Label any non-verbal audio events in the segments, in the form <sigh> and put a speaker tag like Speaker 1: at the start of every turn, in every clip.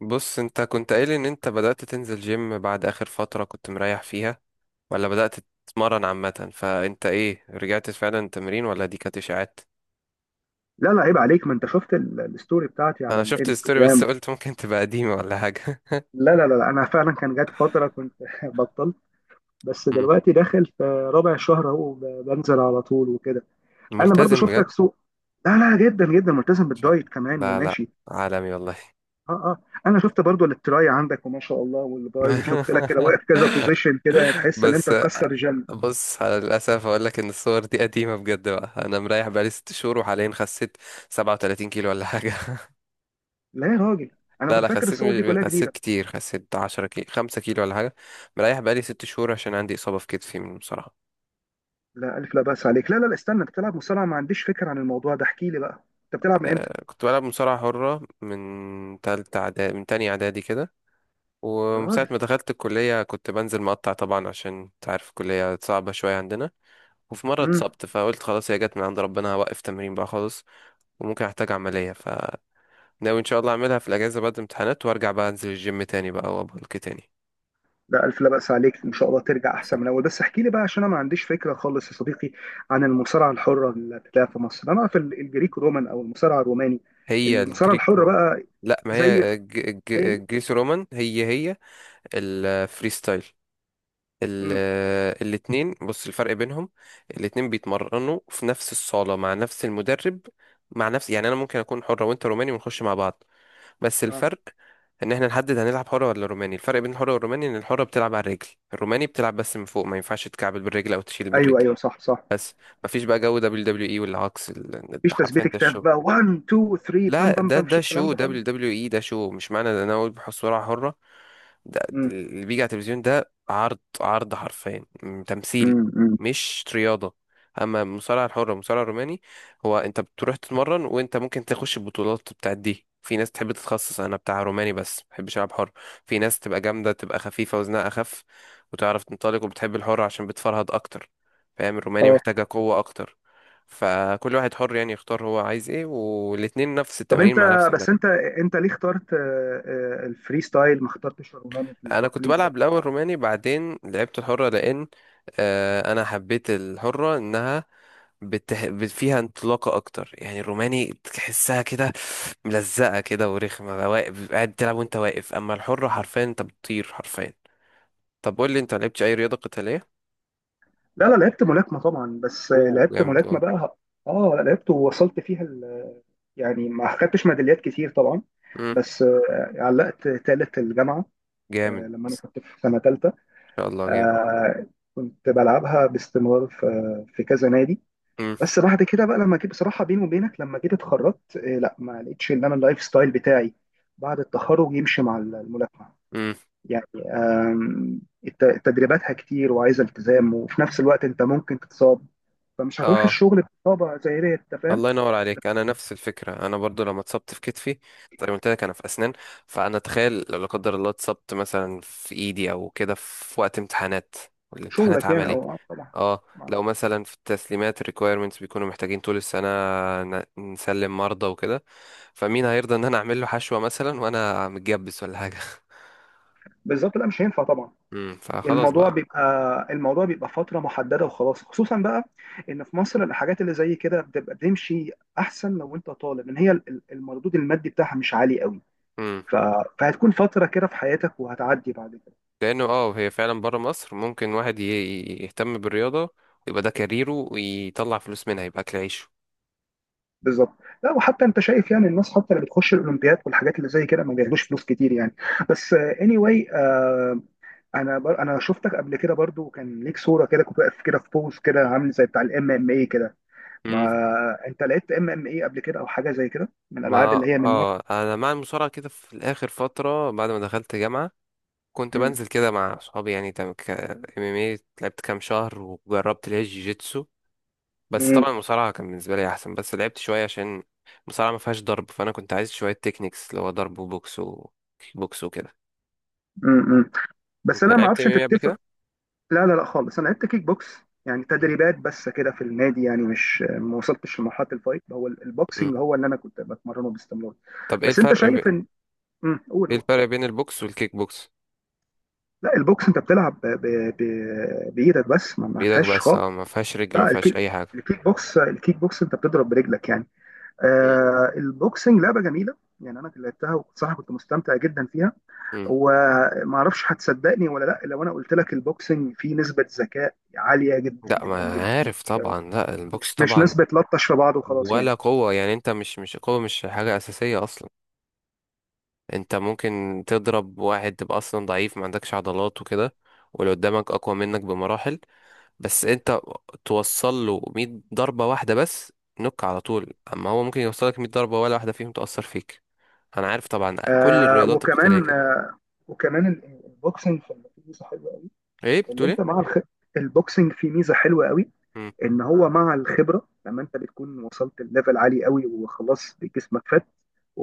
Speaker 1: بص، انت كنت قايل ان انت بدأت تنزل جيم بعد اخر فترة كنت مريح فيها، ولا بدأت تتمرن؟ عامة فانت ايه، رجعت فعلا تمرين، ولا دي كانت اشاعات؟
Speaker 2: لا لا، عيب عليك. ما انت شفت الستوري بتاعتي على
Speaker 1: انا شفت الستوري بس <laughs>
Speaker 2: الانستجرام.
Speaker 1: قلت ممكن تبقى قديمة ولا حاجة.
Speaker 2: لا لا لا، انا فعلا كان جات فتره كنت <laughs> بطلت. بس
Speaker 1: <laughs> مم.
Speaker 2: دلوقتي داخل في رابع شهر اهو بنزل على طول وكده. انا برضو
Speaker 1: ملتزم بجد.
Speaker 2: شفتك سوق. لا لا، جدا جدا ملتزم
Speaker 1: شاطر.
Speaker 2: بالدايت كمان
Speaker 1: لا لا.
Speaker 2: وماشي.
Speaker 1: عالمي والله.
Speaker 2: اه اه. انا شفت برضو التراي عندك وما شاء الله والباي، وشفت لك كده
Speaker 1: <laughs>
Speaker 2: واقف كذا بوزيشن، كده تحس ان انت
Speaker 1: بس.
Speaker 2: مكسر جيم.
Speaker 1: بص، على للأسف أقول لك إن الصور دي قديمة بجد بقى. أنا مريح بقالي 6 شهور، وحاليا خسيت 37 كيلو ولا حاجة.
Speaker 2: لا يا راجل، انا
Speaker 1: لا
Speaker 2: كنت
Speaker 1: لا،
Speaker 2: فاكر
Speaker 1: خسيت
Speaker 2: الصور دي كلها
Speaker 1: خسيت
Speaker 2: جديده.
Speaker 1: كتير، خسيت 10 كيلو 5 كيلو ولا حاجة. مريح بقالي 6 شهور عشان عندي إصابة في كتفي من المصارعة.
Speaker 2: لا، الف لا باس عليك. لا لا لا، استنى، انت بتلعب مصارعه؟ ما عنديش فكره عن الموضوع ده. احكي لي بقى، انت بتلعب من امتى؟
Speaker 1: آه، كنت بلعب مصارعة حرة من تالتة إعدادي، من تانية إعدادي كده.
Speaker 2: يا
Speaker 1: ومن ساعة
Speaker 2: راجل.
Speaker 1: ما دخلت الكلية كنت بنزل مقطع طبعا، عشان أنت عارف الكلية صعبة شوية عندنا. وفي مرة اتصبت، فقلت خلاص هي جت من عند ربنا، هوقف تمرين بقى خالص. وممكن أحتاج عملية، فناوي إن شاء الله أعملها في الأجازة بعد الامتحانات، وأرجع بقى أنزل الجيم تاني بقى وأبلك تاني.
Speaker 2: ده ألف لا بأس عليك، إن شاء الله ترجع أحسن من الأول. بس احكي لي بقى عشان أنا ما عنديش فكرة خالص يا صديقي، عن المصارعة الحرة اللي بتتلعب في مصر. أنا أعرف الجريك رومان أو المصارعة الروماني.
Speaker 1: هي
Speaker 2: المصارعة
Speaker 1: الجريك
Speaker 2: الحرة
Speaker 1: رومان.
Speaker 2: بقى
Speaker 1: لا، ما
Speaker 2: زي
Speaker 1: هي
Speaker 2: هي؟
Speaker 1: الجريس رومان هي هي الفريستايل.
Speaker 2: امم
Speaker 1: الاتنين، بص الفرق بينهم. الاتنين بيتمرنوا في نفس الصالة مع نفس المدرب، مع نفس يعني. انا ممكن اكون حرة وانت روماني ونخش مع بعض. بس
Speaker 2: آه.
Speaker 1: الفرق ان احنا نحدد هنلعب حرة ولا روماني. الفرق بين الحرة والروماني، ان الحرة بتلعب على الرجل، الروماني بتلعب بس من فوق، ما ينفعش تكعبل بالرجل او تشيل
Speaker 2: أيوه
Speaker 1: بالرجل.
Speaker 2: أيوه، صح صح.
Speaker 1: بس مفيش بقى جو دبليو دبليو اي والعكس، ده
Speaker 2: مفيش
Speaker 1: حرفيا
Speaker 2: تثبيت
Speaker 1: ده
Speaker 2: كتاف
Speaker 1: الشغل.
Speaker 2: بقى 1 2 3
Speaker 1: لا
Speaker 2: بام بام
Speaker 1: ده
Speaker 2: بام، مفيش
Speaker 1: ده
Speaker 2: الكلام
Speaker 1: شو،
Speaker 2: ده خالص.
Speaker 1: دبليو دبليو اي ده شو، مش معنى ان انا اقول بحصة حرة ده
Speaker 2: امم
Speaker 1: اللي بيجي على التلفزيون. ده عرض، عرض حرفيا، تمثيل،
Speaker 2: أمم.
Speaker 1: مش رياضة. اما المصارعة الحرة، المصارعة الروماني، هو انت بتروح تتمرن، وانت ممكن تخش البطولات بتاعت دي. في ناس تحب تتخصص، انا بتاع روماني بس ما بحبش العب حر. في ناس تبقى جامدة، تبقى خفيفة وزنها اخف، وتعرف تنطلق وبتحب الحر عشان بتفرهد اكتر. فاهم؟ الروماني
Speaker 2: اه.
Speaker 1: محتاجة قوة اكتر. فكل واحد حر يعني يختار هو عايز ايه، والاتنين نفس
Speaker 2: طب انت،
Speaker 1: التمارين مع نفس المدرب.
Speaker 2: بس انت انت ليه اخترت الفري ستايل، ما اخترتش الروماني في
Speaker 1: انا كنت
Speaker 2: التقليد ده؟
Speaker 1: بلعب الاول روماني، بعدين لعبت الحرة، لان انا حبيت الحرة انها فيها انطلاقة أكتر. يعني الروماني تحسها كده ملزقة كده ورخمة، واقف قاعد تلعب وأنت واقف، أما الحرة حرفيا أنت بتطير حرفيا. طب قول لي، أنت لعبتش أي رياضة قتالية؟
Speaker 2: لا لا، لعبت ملاكمة طبعا، بس
Speaker 1: أوه،
Speaker 2: لعبت
Speaker 1: جامد
Speaker 2: ملاكمة
Speaker 1: أه.
Speaker 2: بقى. اه لا، لعبت ووصلت فيها ال... يعني ما خدتش ميداليات كتير طبعا.
Speaker 1: مم،
Speaker 2: بس علقت تالت الجامعة.
Speaker 1: جامد إن
Speaker 2: لما انا كنت في سنة تالتة
Speaker 1: شاء الله، جامد.
Speaker 2: آه، كنت بلعبها باستمرار في كذا نادي.
Speaker 1: مم،
Speaker 2: بس بعد كده بقى، لما جيت بصراحة بيني وبينك، لما جيت اتخرجت لا ما لقيتش ان انا اللايف ستايل بتاعي بعد التخرج يمشي مع الملاكمة.
Speaker 1: مم،
Speaker 2: يعني آم، تدريباتها كتير وعايزة التزام، وفي نفس الوقت انت ممكن تتصاب، فمش هتروح
Speaker 1: أه.
Speaker 2: الشغل بطابع زي ديت، انت فاهم؟
Speaker 1: الله ينور عليك، انا نفس الفكره. انا برضو لما اتصبت في كتفي، زي ما قلت لك انا في اسنان، فانا تخيل لو لا قدر الله اتصبت مثلا في ايدي او كده في وقت امتحانات، والامتحانات
Speaker 2: شغلك يعني،
Speaker 1: عملي.
Speaker 2: او طبعا.
Speaker 1: اه،
Speaker 2: ما-
Speaker 1: لو مثلا في التسليمات الريكويرمنتس بيكونوا محتاجين طول السنه، نسلم مرضى وكده، فمين هيرضى ان انا اعمل له حشوه مثلا وانا متجبس ولا حاجه <laughs>
Speaker 2: بالظبط، لا مش هينفع طبعا.
Speaker 1: فخلاص
Speaker 2: الموضوع
Speaker 1: بقى.
Speaker 2: بيبقى الموضوع بيبقى فتره محدده وخلاص. خصوصا بقى ان في مصر الحاجات اللي زي كده بتبقى بتمشي احسن لو انت طالب، لان هي المردود المادي بتاعها مش عالي قوي.
Speaker 1: امم
Speaker 2: ف... فهتكون فتره كده في حياتك وهتعدي بعد كده.
Speaker 1: لانه اه، هي فعلا بره مصر ممكن واحد يهتم بالرياضه، يبقى ده كاريره ويطلع فلوس منها، يبقى اكل عيشه.
Speaker 2: بالظبط. لا، وحتى انت شايف يعني الناس حتى اللي بتخش الاولمبياد والحاجات اللي زي كده ما بياخدوش فلوس كتير يعني. بس اني anyway، واي، انا شفتك قبل كده برضو، كان ليك صوره كده كنت واقف كده في بوز كده عامل زي بتاع الام ام اي كده. ما
Speaker 1: مم.
Speaker 2: انت لعبت ام ام اي قبل كده، او حاجه زي كده من الالعاب
Speaker 1: ما
Speaker 2: اللي هي من نوع؟
Speaker 1: اه، انا مع المصارعه كده في الاخر فتره، بعد ما دخلت جامعه كنت
Speaker 2: مم.
Speaker 1: بنزل كده مع اصحابي. يعني تم ك ام ام اي، لعبت كام شهر وجربت اللي هي الجيجيتسو. بس طبعا
Speaker 2: مم.
Speaker 1: المصارعه كان بالنسبه لي احسن، بس لعبت شويه عشان المصارعه ما فيهاش ضرب، فانا كنت عايز شويه تكنيكس اللي هو ضرب وبوكس وكيك بوكس وكده.
Speaker 2: مم. بس
Speaker 1: انت
Speaker 2: انا ما
Speaker 1: لعبت ام
Speaker 2: اعرفش
Speaker 1: ام
Speaker 2: انت
Speaker 1: اي قبل
Speaker 2: تتفق.
Speaker 1: كده؟
Speaker 2: لا لا لا خالص، انا لعبت كيك بوكس، يعني
Speaker 1: مم.
Speaker 2: تدريبات بس كده في النادي يعني، مش ما وصلتش لمرحله الفايت. هو
Speaker 1: مم.
Speaker 2: البوكسنج هو اللي انا كنت بتمرنه باستمرار.
Speaker 1: طب
Speaker 2: بس انت شايف ان. مم. قول
Speaker 1: ايه
Speaker 2: قول.
Speaker 1: الفرق بين البوكس والكيك بوكس؟
Speaker 2: لا البوكس، انت بتلعب بايدك بس، ما
Speaker 1: بايدك
Speaker 2: فيهاش.
Speaker 1: بس، اه ما فيهاش رجل، ما
Speaker 2: لا
Speaker 1: فيهاش
Speaker 2: الكيك،
Speaker 1: اي حاجه.
Speaker 2: الكيك بوكس انت بتضرب برجلك يعني.
Speaker 1: مم.
Speaker 2: آه البوكسنج لعبه جميله يعني، انا كنت لعبتها وصراحه كنت مستمتع جدا فيها.
Speaker 1: مم.
Speaker 2: وما اعرفش هتصدقني ولا لا، لو انا قلت لك البوكسنج فيه نسبه ذكاء عاليه جدا
Speaker 1: لا،
Speaker 2: جدا
Speaker 1: ما
Speaker 2: جدا،
Speaker 1: عارف
Speaker 2: مش
Speaker 1: طبعا. لا
Speaker 2: مش,
Speaker 1: البوكس
Speaker 2: مش
Speaker 1: طبعا،
Speaker 2: نسبه لطش في بعض وخلاص يعني.
Speaker 1: ولا قوة يعني. انت مش قوة، مش حاجة أساسية أصلا. انت ممكن تضرب واحد تبقى أصلا ضعيف ما عندكش عضلات وكده، واللي قدامك أقوى منك بمراحل. بس انت توصل له 100 ضربة واحدة بس، نك على طول. أما هو ممكن يوصلك 100 ضربة، ولا واحدة فيهم تأثر فيك. أنا عارف طبعا كل
Speaker 2: آه
Speaker 1: الرياضات القتالية
Speaker 2: وكمان،
Speaker 1: كده.
Speaker 2: البوكسنج فيه ميزه حلوه قوي.
Speaker 1: ايه
Speaker 2: اللي
Speaker 1: بتقول
Speaker 2: انت
Speaker 1: ايه؟
Speaker 2: مع الخ... البوكسنج فيه ميزه حلوه قوي،
Speaker 1: مم،
Speaker 2: ان هو مع الخبره لما انت بتكون وصلت لليفل عالي قوي وخلاص، جسمك فات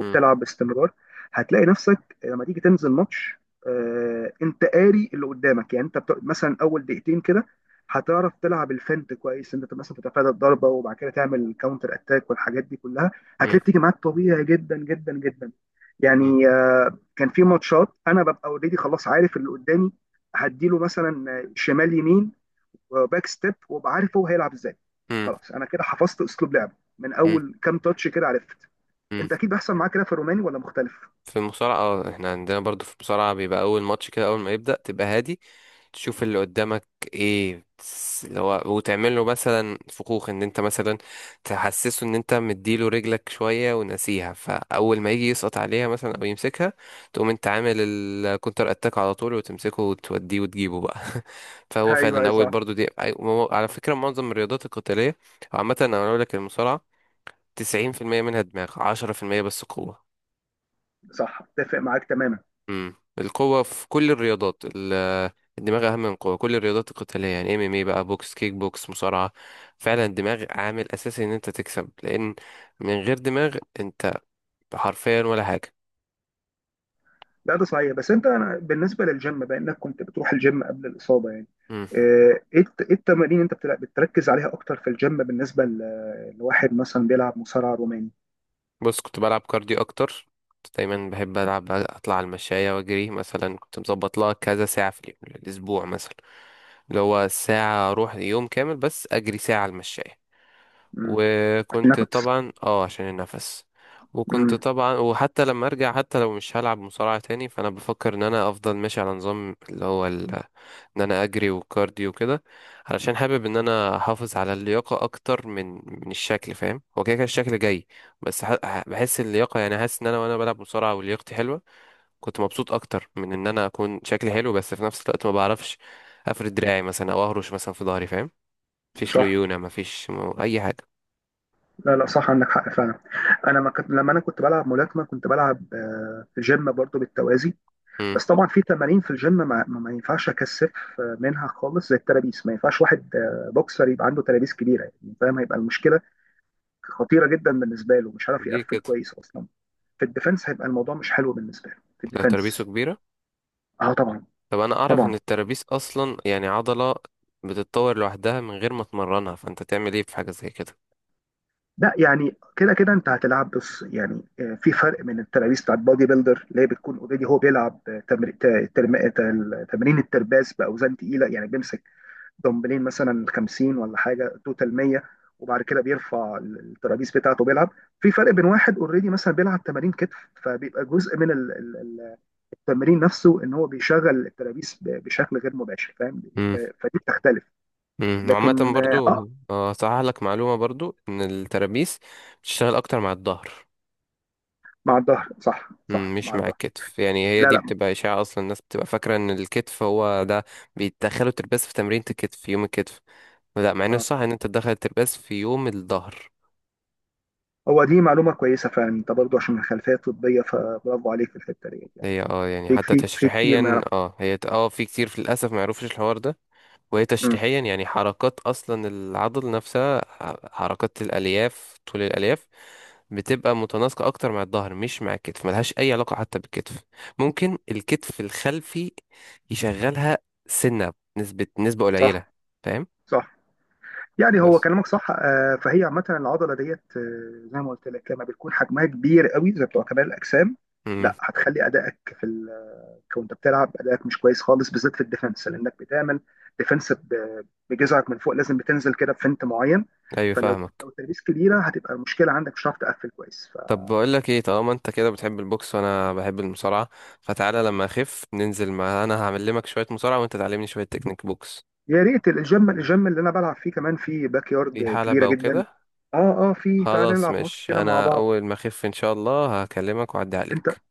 Speaker 1: مم،
Speaker 2: باستمرار، هتلاقي نفسك لما تيجي تنزل ماتش انت قاري اللي قدامك، يعني مثلا اول دقيقتين كده هتعرف تلعب الفنت كويس، انت مثلا تتفادى الضربه وبعد كده تعمل كاونتر اتاك والحاجات دي كلها، هتلاقي
Speaker 1: مم،
Speaker 2: بتيجي معاك طبيعي جدا جدا جدا.
Speaker 1: مم،
Speaker 2: يعني كان في ماتشات انا ببقى اوريدي خلاص عارف اللي قدامي، هديله مثلا شمال يمين وباك ستيب، وابقى عارف هو هيلعب ازاي.
Speaker 1: مم،
Speaker 2: خلاص انا كده حفظت اسلوب لعبه من
Speaker 1: مم،
Speaker 2: اول كام تاتش كده عرفت.
Speaker 1: مم.
Speaker 2: انت اكيد بيحصل معاك كده في الروماني ولا مختلف؟
Speaker 1: في المصارعة، اه احنا عندنا برضو في المصارعة بيبقى أول ماتش كده، أول ما يبدأ تبقى هادي، تشوف اللي قدامك اللي هو، وتعمل له مثلا فخوخ، ان انت مثلا تحسسه ان انت مديله رجلك شوية ونسيها، فاول ما يجي يسقط عليها مثلا او يمسكها، تقوم انت عامل الكونتر اتاك على طول وتمسكه وتوديه وتجيبه بقى <laughs> فهو فعلا
Speaker 2: ايوه
Speaker 1: اول،
Speaker 2: صح
Speaker 1: برضو دي على فكرة معظم الرياضات القتالية عامة، انا اقول لك المصارعة 90% منها دماغ، 10% بس قوة.
Speaker 2: صح، اتفق معاك تماما.
Speaker 1: القوة في كل الرياضات، الدماغ أهم من القوة. كل الرياضات القتالية يعني، ام ام اي بقى، بوكس، كيك بوكس، مصارعة، فعلا الدماغ عامل أساسي إن أنت تكسب، لأن من غير دماغ أنت حرفيا ولا حاجة.
Speaker 2: لا ده صحيح. بس أنا بالنسبه للجيم، بما انك كنت بتروح الجيم قبل الاصابه يعني،
Speaker 1: امم
Speaker 2: إيه التمارين انت بتركز عليها اكتر في الجيم بالنسبه لواحد مثلا بيلعب مصارعه روماني؟
Speaker 1: بص، كنت بلعب كارديو أكتر. كنت دايما بحب ألعب، أطلع على المشاية وأجري مثلا. كنت مظبط لها كذا ساعة في اليوم، الأسبوع مثلا، اللي هو ساعة أروح يوم كامل بس أجري ساعة على المشاية.
Speaker 2: مم. عشان
Speaker 1: وكنت
Speaker 2: نفس.
Speaker 1: طبعا اه عشان النفس. وكنت
Speaker 2: مم.
Speaker 1: طبعا، وحتى لما ارجع حتى لو مش هلعب مصارعة تاني، فانا بفكر ان انا افضل ماشي على نظام اللي هو ان انا اجري وكارديو وكده، علشان حابب ان انا احافظ على اللياقة اكتر من الشكل. فاهم؟ هو كده كده الشكل جاي، بس بحس اللياقة، يعني حاسس ان انا وانا بلعب مصارعة ولياقتي حلوة كنت مبسوط اكتر من ان انا اكون شكلي حلو. بس في نفس الوقت ما بعرفش افرد دراعي مثلا، او اهرش مثلا في ظهري. فاهم؟ مفيش
Speaker 2: صح.
Speaker 1: ليونة، مفيش اي حاجة.
Speaker 2: لا لا، صح، عندك حق فعلا. انا ما كنت لما انا كنت بلعب ملاكمه كنت بلعب في جيم برضو بالتوازي. بس طبعا في تمارين في الجيم ما ينفعش اكثف منها خالص، زي الترابيس ما ينفعش واحد بوكسر يبقى عنده ترابيس كبيره يعني، فاهم؟ هيبقى المشكله خطيره جدا بالنسبه له، مش عارف
Speaker 1: ليه
Speaker 2: يقفل
Speaker 1: كده؟
Speaker 2: كويس اصلا في الديفنس. هيبقى الموضوع مش حلو بالنسبه له في
Speaker 1: لو ترابيزه
Speaker 2: الديفنس.
Speaker 1: كبيرة؟
Speaker 2: اه طبعا
Speaker 1: طب أنا أعرف
Speaker 2: طبعا.
Speaker 1: إن الترابيز أصلا يعني عضلة بتتطور لوحدها من غير ما تمرنها، فأنت تعمل إيه في حاجة زي كده؟
Speaker 2: لا يعني، كده كده انت هتلعب، بص يعني في فرق من الترابيس بتاعت بادي بيلدر اللي هي بتكون اوريدي هو بيلعب تمرين الترباس باوزان تقيله، يعني بيمسك دمبلين مثلا 50 ولا حاجه توتال 100، وبعد كده بيرفع الترابيز بتاعته بيلعب. في فرق
Speaker 1: مم.
Speaker 2: بين واحد اوريدي مثلا بيلعب تمارين كتف، فبيبقى جزء من التمرين نفسه ان هو بيشغل الترابيز بشكل غير مباشر، فاهم؟
Speaker 1: امم
Speaker 2: فدي بتختلف.
Speaker 1: وعامة
Speaker 2: لكن
Speaker 1: برضو، هصحح لك معلومة برضو إن الترابيس بتشتغل أكتر مع الظهر.
Speaker 2: مع الظهر صح
Speaker 1: مم،
Speaker 2: صح،
Speaker 1: مش
Speaker 2: مع
Speaker 1: مع
Speaker 2: الظهر.
Speaker 1: الكتف يعني، هي
Speaker 2: لا
Speaker 1: دي
Speaker 2: لا
Speaker 1: بتبقى إشاعة أصلا. الناس بتبقى فاكرة إن الكتف هو ده بيتدخلوا الترباس في تمرينة الكتف في يوم الكتف، لا، مع إن
Speaker 2: اه.
Speaker 1: الصح إن أنت تدخل الترباس في يوم الظهر.
Speaker 2: هو دي معلومه كويسه فعلا، انت برضو عشان من خلفيه طبيه فبرافو عليك في الحته ديت يعني.
Speaker 1: هي اه يعني
Speaker 2: في
Speaker 1: حتى
Speaker 2: كتير، في كتير ما
Speaker 1: تشريحيا،
Speaker 2: يعرف.
Speaker 1: اه هي اه، في كتير، في للاسف ما يعرفوش الحوار ده. وهي
Speaker 2: مم،
Speaker 1: تشريحيا يعني، حركات اصلا العضل نفسها، حركات الالياف، طول الالياف بتبقى متناسقه اكتر مع الظهر، مش مع الكتف، ملهاش اي علاقه حتى بالكتف. ممكن الكتف الخلفي يشغلها سنه، نسبه قليله.
Speaker 2: صح
Speaker 1: فاهم؟
Speaker 2: صح. يعني هو
Speaker 1: بس.
Speaker 2: كلامك صح. فهي عامة العضلة ديت زي ما قلت لك، لما بتكون حجمها كبير قوي زي بتوع كمال الأجسام،
Speaker 1: امم
Speaker 2: لا هتخلي أدائك في... ال... وأنت بتلعب أدائك مش كويس خالص، بالذات في الديفنس، لأنك بتعمل ديفنس بجزعك من فوق، لازم بتنزل كده بفنت معين.
Speaker 1: ايوه،
Speaker 2: فلو
Speaker 1: فاهمك.
Speaker 2: لو الترابيز كبيرة هتبقى المشكلة عندك، مش هتعرف تقفل كويس.
Speaker 1: طب بقول لك ايه، طالما انت كده بتحب البوكس وانا بحب المصارعه، فتعالى لما اخف ننزل مع، انا هعلمك شويه مصارعه وانت تعلمني شويه تكنيك بوكس.
Speaker 2: فيا ريت، الجيم اللي أنا بلعب فيه كمان فيه باك
Speaker 1: في
Speaker 2: يارد كبيرة
Speaker 1: حلبه
Speaker 2: جدا.
Speaker 1: وكده.
Speaker 2: اه اه، فيه، تعالى
Speaker 1: خلاص
Speaker 2: نلعب ماتش
Speaker 1: ماشي،
Speaker 2: كده مع
Speaker 1: انا
Speaker 2: بعض.
Speaker 1: اول ما اخف ان شاء الله هكلمك واعدي
Speaker 2: انت
Speaker 1: عليك.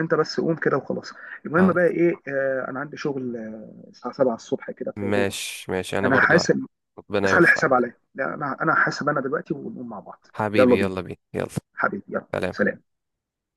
Speaker 2: انت بس قوم كده وخلاص. المهم بقى
Speaker 1: خلاص،
Speaker 2: ايه، انا عندي شغل الساعه 7 الصبح كده في دوبك.
Speaker 1: ماشي، انا
Speaker 2: انا
Speaker 1: برضو ه-.
Speaker 2: حاسب.
Speaker 1: ربنا
Speaker 2: بس خلي الحساب
Speaker 1: يوفقك.
Speaker 2: عليا، لا انا حاسب انا دلوقتي، ونقوم مع بعض. يلا
Speaker 1: حبيبي
Speaker 2: بينا
Speaker 1: يلا بينا، يلا.
Speaker 2: حبيبي، يلا
Speaker 1: سلام.
Speaker 2: سلام.